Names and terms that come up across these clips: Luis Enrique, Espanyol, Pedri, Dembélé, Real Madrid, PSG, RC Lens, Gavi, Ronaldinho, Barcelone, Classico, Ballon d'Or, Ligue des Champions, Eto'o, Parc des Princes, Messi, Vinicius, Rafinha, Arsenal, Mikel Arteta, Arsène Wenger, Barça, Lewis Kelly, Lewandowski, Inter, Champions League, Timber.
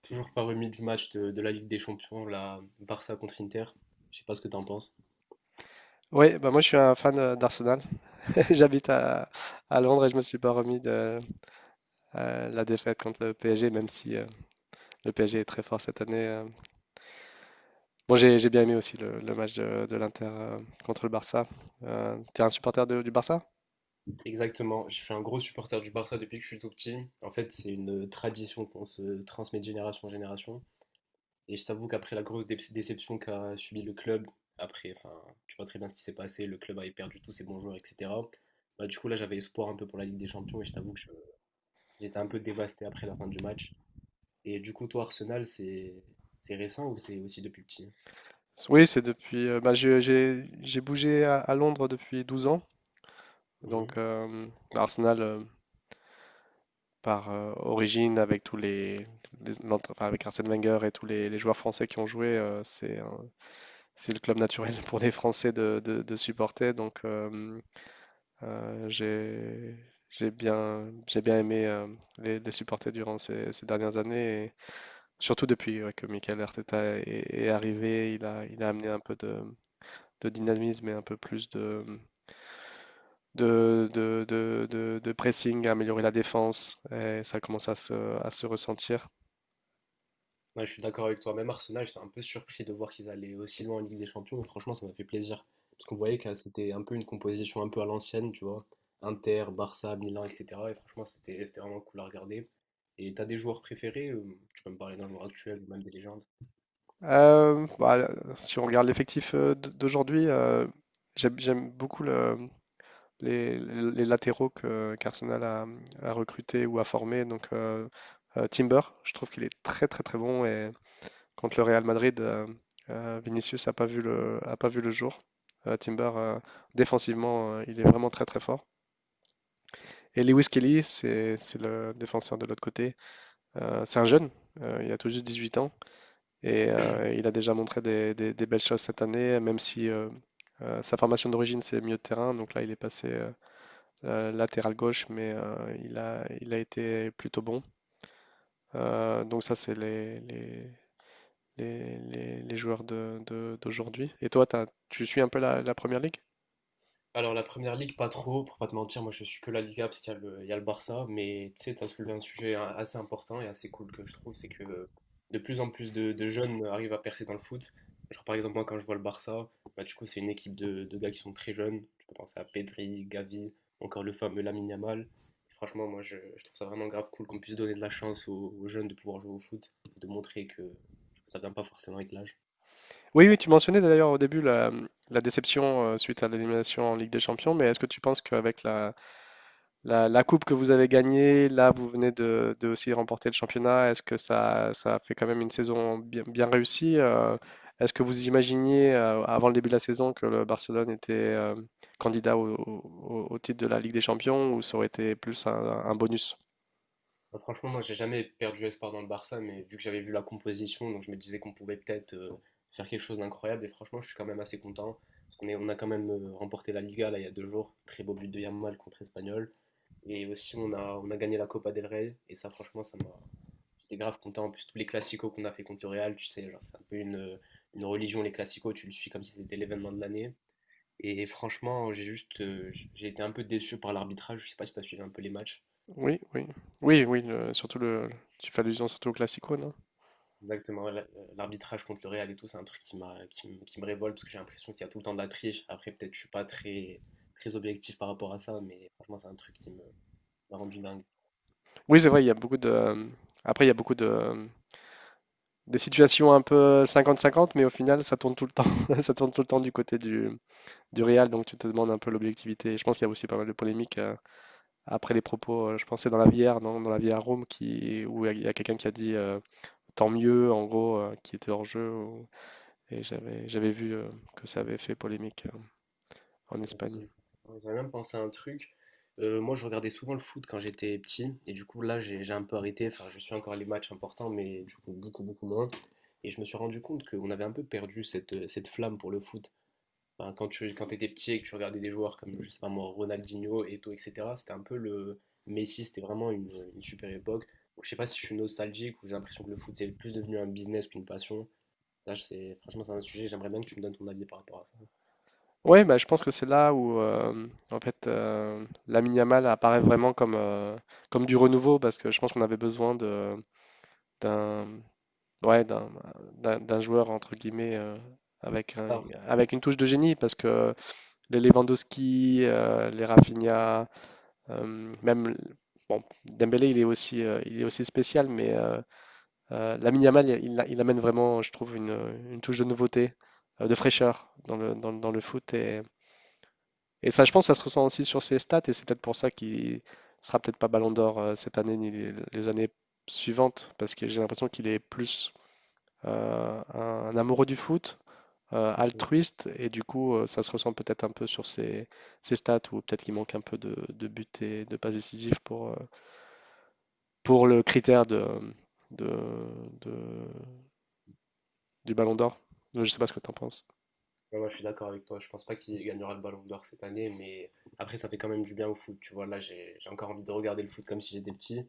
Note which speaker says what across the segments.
Speaker 1: Toujours pas remis du match de la Ligue des Champions, la Barça contre Inter. Je sais pas ce que t'en penses.
Speaker 2: Oui, bah moi je suis un fan d'Arsenal. J'habite à Londres et je me suis pas remis de la défaite contre le PSG, même si le PSG est très fort cette année. Bon, j'ai bien aimé aussi le match de l'Inter contre le Barça. T'es un supporter du Barça?
Speaker 1: Exactement, je suis un gros supporter du Barça depuis que je suis tout petit. En fait, c'est une tradition qu'on se transmet de génération en génération. Et je t'avoue qu'après la grosse déception qu'a subi le club, après, enfin, tu vois très bien ce qui s'est passé, le club avait perdu tous ses bons joueurs, etc. Bah, du coup, là, j'avais espoir un peu pour la Ligue des Champions et je t'avoue que j'étais un peu dévasté après la fin du match. Et du coup, toi, Arsenal, c'est récent ou c'est aussi depuis petit?
Speaker 2: Oui, c'est depuis. Bah, j'ai bougé à Londres depuis 12 ans. Donc Arsenal par origine avec tous enfin, avec Arsène Wenger et tous les joueurs français qui ont joué, c'est le club naturel pour les Français de, de supporter. Donc, euh, j'ai, j'ai bien aimé les supporter durant ces dernières années, et surtout depuis ouais, que Mikel Arteta est arrivé. Il a amené un peu de dynamisme et un peu plus de pressing, à améliorer la défense, et ça commence à se ressentir.
Speaker 1: Ouais, je suis d'accord avec toi. Même Arsenal, j'étais un peu surpris de voir qu'ils allaient aussi loin en Ligue des Champions. Mais franchement, ça m'a fait plaisir. Parce qu'on voyait que c'était un peu une composition un peu à l'ancienne, tu vois. Inter, Barça, Milan, etc. Et franchement, c'était vraiment cool à regarder. Et t'as des joueurs préférés? Tu peux me parler d'un joueur actuel ou même des légendes?
Speaker 2: Bah, si on regarde l'effectif d'aujourd'hui, j'aime beaucoup les latéraux qu'Arsenal a recruté ou a formé. Donc Timber, je trouve qu'il est très très très bon et contre le Real Madrid, Vinicius a pas vu le jour. Timber, défensivement, il est vraiment très très fort. Et Lewis Kelly, c'est le défenseur de l'autre côté. C'est un jeune, il a tout juste 18 ans et il a déjà montré des belles choses cette année, même si sa formation d'origine c'est milieu de terrain. Donc là, il est passé latéral gauche, mais il a été plutôt bon. Donc ça, c'est les joueurs de, d'aujourd'hui. Et toi, tu suis un peu la première ligue?
Speaker 1: Alors la première ligue, pas trop, pour pas te mentir, moi je suis que la Liga parce qu'il y a le, il y a le Barça, mais tu sais, t'as soulevé un sujet assez important et assez cool que je trouve, c'est que de plus en plus de jeunes arrivent à percer dans le foot. Genre par exemple moi quand je vois le Barça, bah, du coup c'est une équipe de gars qui sont très jeunes, tu peux penser à Pedri, Gavi, encore le fameux Lamine Yamal. Franchement moi je trouve ça vraiment grave cool qu'on puisse donner de la chance aux jeunes de pouvoir jouer au foot et de montrer que ça vient pas forcément avec l'âge.
Speaker 2: Oui, oui, tu mentionnais d'ailleurs au début la déception suite à l'élimination en Ligue des Champions, mais est-ce que tu penses qu'avec la coupe que vous avez gagnée, là, vous venez de aussi remporter le championnat. Est-ce que ça fait quand même une saison bien, bien réussie? Est-ce que vous imaginiez, avant le début de la saison, que le Barcelone était candidat au titre de la Ligue des Champions ou ça aurait été plus un bonus?
Speaker 1: Bah, franchement, moi, j'ai jamais perdu espoir dans le Barça, mais vu que j'avais vu la composition, donc je me disais qu'on pouvait peut-être faire quelque chose d'incroyable. Et franchement, je suis quand même assez content. Parce on a quand même remporté la Liga là, il y a deux jours. Très beau but de Yamal contre Espanyol. Et aussi, on a gagné la Copa del Rey. Et ça, franchement, ça m'a. J'étais grave content. En plus, tous les classicos qu'on a fait contre le Real, tu sais, genre, c'est un peu une religion, les classicos. Tu le suis comme si c'était l'événement de l'année. Et franchement, j'ai juste. J'ai été un peu déçu par l'arbitrage. Je sais pas si tu as suivi un peu les matchs.
Speaker 2: Oui, oui, oui, oui, tu fais allusion surtout au Classico, non?
Speaker 1: Exactement, ouais. L'arbitrage contre le Real et tout, c'est un truc qui qui me révolte parce que j'ai l'impression qu'il y a tout le temps de la triche. Après, peut-être je suis pas très objectif par rapport à ça, mais franchement, c'est un truc qui me m'a rendu dingue.
Speaker 2: Oui, c'est vrai, il y a beaucoup de, après, il y a beaucoup de, des situations un peu 50-50, mais au final, ça tourne tout le temps, ça tourne tout le temps du côté du Real, donc tu te demandes un peu l'objectivité. Je pense qu'il y a aussi pas mal de polémiques après les propos. Je pensais dans la VR, non, dans la VR Room, qui, où il y a quelqu'un qui a dit tant mieux, en gros, qui était hors jeu. Et j'avais vu que ça avait fait polémique en Espagne.
Speaker 1: Merci, exactement. J'avais même pensé à un truc. Moi, je regardais souvent le foot quand j'étais petit, et du coup, là, j'ai un peu arrêté. Enfin, je suis encore les matchs importants, mais du coup, beaucoup moins. Et je me suis rendu compte qu'on avait un peu perdu cette flamme pour le foot. Enfin, quand t'étais petit et que tu regardais des joueurs comme, je sais pas moi, Ronaldinho, Eto'o, etc., c'était un peu le Messi, c'était vraiment une super époque. Donc, je sais pas si je suis nostalgique ou j'ai l'impression que le foot, c'est plus devenu un business qu'une passion. Ça, c'est franchement, c'est un sujet, j'aimerais bien que tu me donnes ton avis par rapport à ça.
Speaker 2: Ouais, bah, je pense que c'est là où en fait Lamine Yamal apparaît vraiment comme du renouveau parce que je pense qu'on avait besoin d'un, ouais, d'un joueur entre guillemets avec un-
Speaker 1: Star.
Speaker 2: avec une touche de génie parce que les Lewandowski, les Rafinha, même bon, Dembélé, il est aussi spécial, mais Lamine Yamal, il amène vraiment, je trouve, une touche de nouveauté, de fraîcheur dans le foot. Et ça, je pense, ça se ressent aussi sur ses stats, et c'est peut-être pour ça qu'il sera peut-être pas Ballon d'Or cette année ni les années suivantes, parce que j'ai l'impression qu'il est plus un amoureux du foot, altruiste et du coup ça se ressent peut-être un peu sur ses stats ou peut-être qu'il manque un peu de buts et de passes décisives pour le critère de, de- du Ballon d'Or. Je ne sais pas ce que tu en penses.
Speaker 1: Ouais, ouais, je suis d'accord avec toi. Je pense pas qu'il gagnera le Ballon d'Or cette année, mais après, ça fait quand même du bien au foot. Tu vois, là, j'ai encore envie de regarder le foot comme si j'étais petit.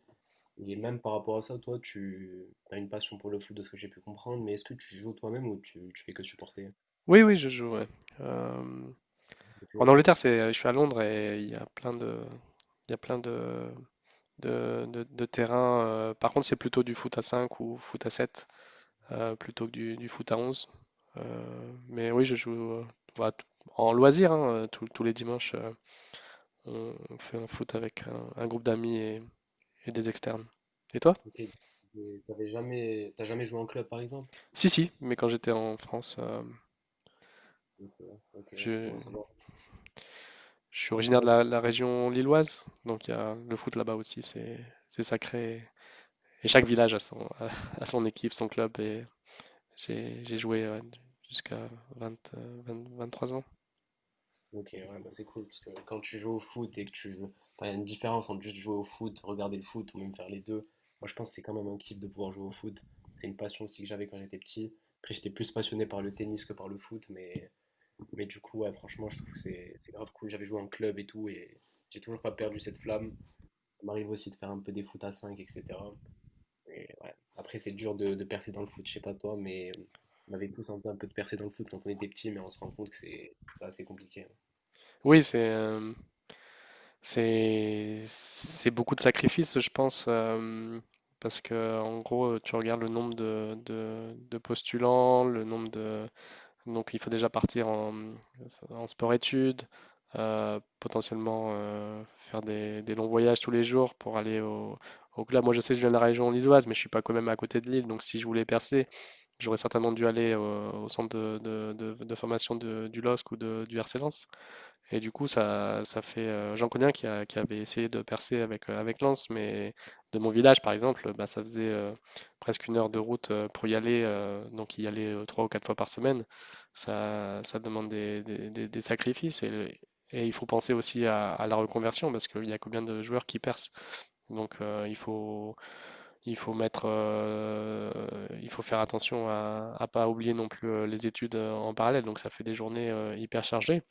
Speaker 1: Et même par rapport à ça, toi, tu as une passion pour le foot de ce que j'ai pu comprendre, mais est-ce que tu joues toi-même ou tu fais que supporter
Speaker 2: Oui, oui, je joue. Ouais. Euh,
Speaker 1: depuis
Speaker 2: en
Speaker 1: longtemps?
Speaker 2: Angleterre, je suis à Londres et il y a plein de, il y a plein de terrains. Par contre, c'est plutôt du foot à 5 ou foot à 7 plutôt que du foot à onze. Mais oui, je joue voilà, en loisir, hein, tous les dimanches, on fait un foot avec un groupe d'amis et des externes. Et toi?
Speaker 1: Ok. Et t'avais jamais, t'as jamais joué en club, par exemple?
Speaker 2: Si, si, mais quand j'étais en France,
Speaker 1: Ok, ok, ouais, c'est
Speaker 2: je,
Speaker 1: bon à savoir.
Speaker 2: je suis originaire de
Speaker 1: Moi,
Speaker 2: la région lilloise, donc il y a le foot là-bas aussi, c'est sacré. Et chaque village a son, a son équipe, son club, et j'ai joué ouais, jusqu'à 20, euh, 20 23 ans.
Speaker 1: ok, ouais, bah c'est cool parce que quand tu joues au foot et que tu. Enfin, il y a une différence entre juste jouer au foot, regarder le foot ou même faire les deux. Moi, je pense que c'est quand même un kiff de pouvoir jouer au foot. C'est une passion aussi que j'avais quand j'étais petit. Après, j'étais plus passionné par le tennis que par le foot, mais du coup, ouais, franchement, je trouve que c'est grave cool. J'avais joué en club et tout et j'ai toujours pas perdu cette flamme. Ça m'arrive aussi de faire un peu des foot à 5, etc. Et ouais. Après, c'est dur de percer dans le foot, je sais pas toi, mais on avait tous envie un peu de percer dans le foot quand on était petit, mais on se rend compte que c'est assez compliqué.
Speaker 2: Oui, c'est beaucoup de sacrifices, je pense, parce que en gros, tu regardes le nombre de postulants, le nombre de donc il faut déjà partir en sport-études, potentiellement faire des longs voyages tous les jours pour aller au club. Moi, je sais que je viens de la région lilloise, mais je suis pas quand même à côté de Lille, donc si je voulais percer, j'aurais certainement dû aller au centre de formation du LOSC ou du RC Lens. Et du coup, ça fait. J'en connais un qui avait essayé de percer avec Lens, mais de mon village, par exemple, bah, ça faisait presque une heure de route pour y aller. Donc, y aller trois ou quatre fois par semaine, ça demande des sacrifices. Et il faut penser aussi à la reconversion, parce qu'il y a combien de joueurs qui percent. Donc, il faut mettre, euh, il faut faire attention à ne pas oublier non plus les études en parallèle. Donc, ça fait des journées hyper chargées.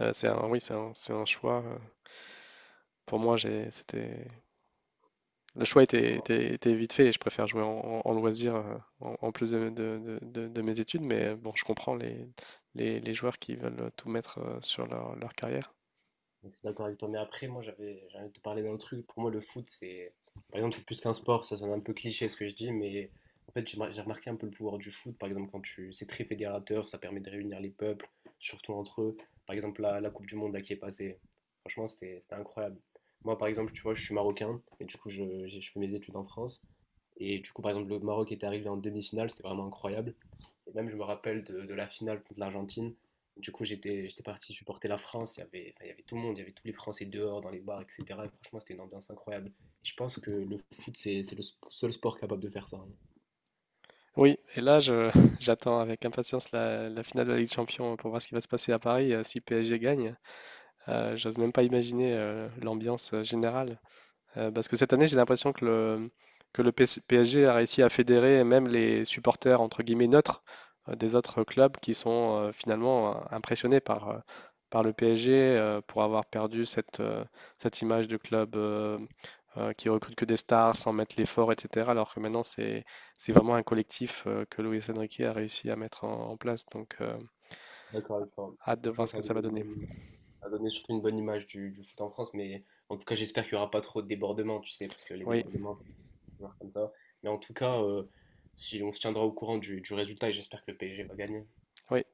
Speaker 2: C'est un oui, c'est un choix, pour moi, j'ai c'était le choix
Speaker 1: Je
Speaker 2: était
Speaker 1: comprends.
Speaker 2: était était vite fait et je préfère jouer en loisir, en en plus de mes études, mais bon, je comprends les joueurs qui veulent, tout mettre, sur leur carrière.
Speaker 1: Donc, je suis d'accord avec toi, mais après, moi, j'ai envie de te parler d'un truc. Pour moi, le foot, c'est, par exemple, c'est plus qu'un sport. Ça, sonne un peu cliché ce que je dis, mais en fait, j'ai remarqué un peu le pouvoir du foot. Par exemple, c'est très fédérateur, ça permet de réunir les peuples, surtout entre eux. Par exemple, la Coupe du Monde là, qui est passée, franchement, c'était incroyable. Moi, par exemple, tu vois, je suis marocain, et du coup, je fais mes études en France. Et du coup, par exemple, le Maroc était arrivé en demi-finale, c'était vraiment incroyable. Et même, je me rappelle de la finale contre l'Argentine. Du coup, j'étais parti supporter la France. Il y avait tout le monde, il y avait tous les Français dehors, dans les bars, etc. Et franchement, c'était une ambiance incroyable. Et je pense que le foot, c'est le seul sport capable de faire ça, hein.
Speaker 2: Oui et là, je j'attends avec impatience la finale de la Ligue des champions pour voir ce qui va se passer à Paris, si PSG gagne. J'ose même pas imaginer, l'ambiance, générale. Parce que cette année, j'ai l'impression que le PSG a réussi à fédérer même les supporters, entre guillemets, neutres des autres clubs qui sont finalement impressionnés par le PSG pour avoir perdu cette image de club qui recrute que des stars sans mettre l'effort, etc. Alors que maintenant, c'est vraiment un collectif que Luis Enrique a réussi à mettre en place. Donc,
Speaker 1: D'accord avec toi.
Speaker 2: hâte de
Speaker 1: Franchement,
Speaker 2: voir ce
Speaker 1: ça
Speaker 2: que
Speaker 1: a
Speaker 2: ça
Speaker 1: donné
Speaker 2: va
Speaker 1: une
Speaker 2: donner.
Speaker 1: bonne image. Ça a donné surtout une bonne image du foot en France. Mais en tout cas, j'espère qu'il n'y aura pas trop de débordements, tu sais, parce que les
Speaker 2: Oui,
Speaker 1: débordements, c'est toujours comme ça. Mais en tout cas, si on se tiendra au courant du résultat, et j'espère que le PSG va gagner.
Speaker 2: oui.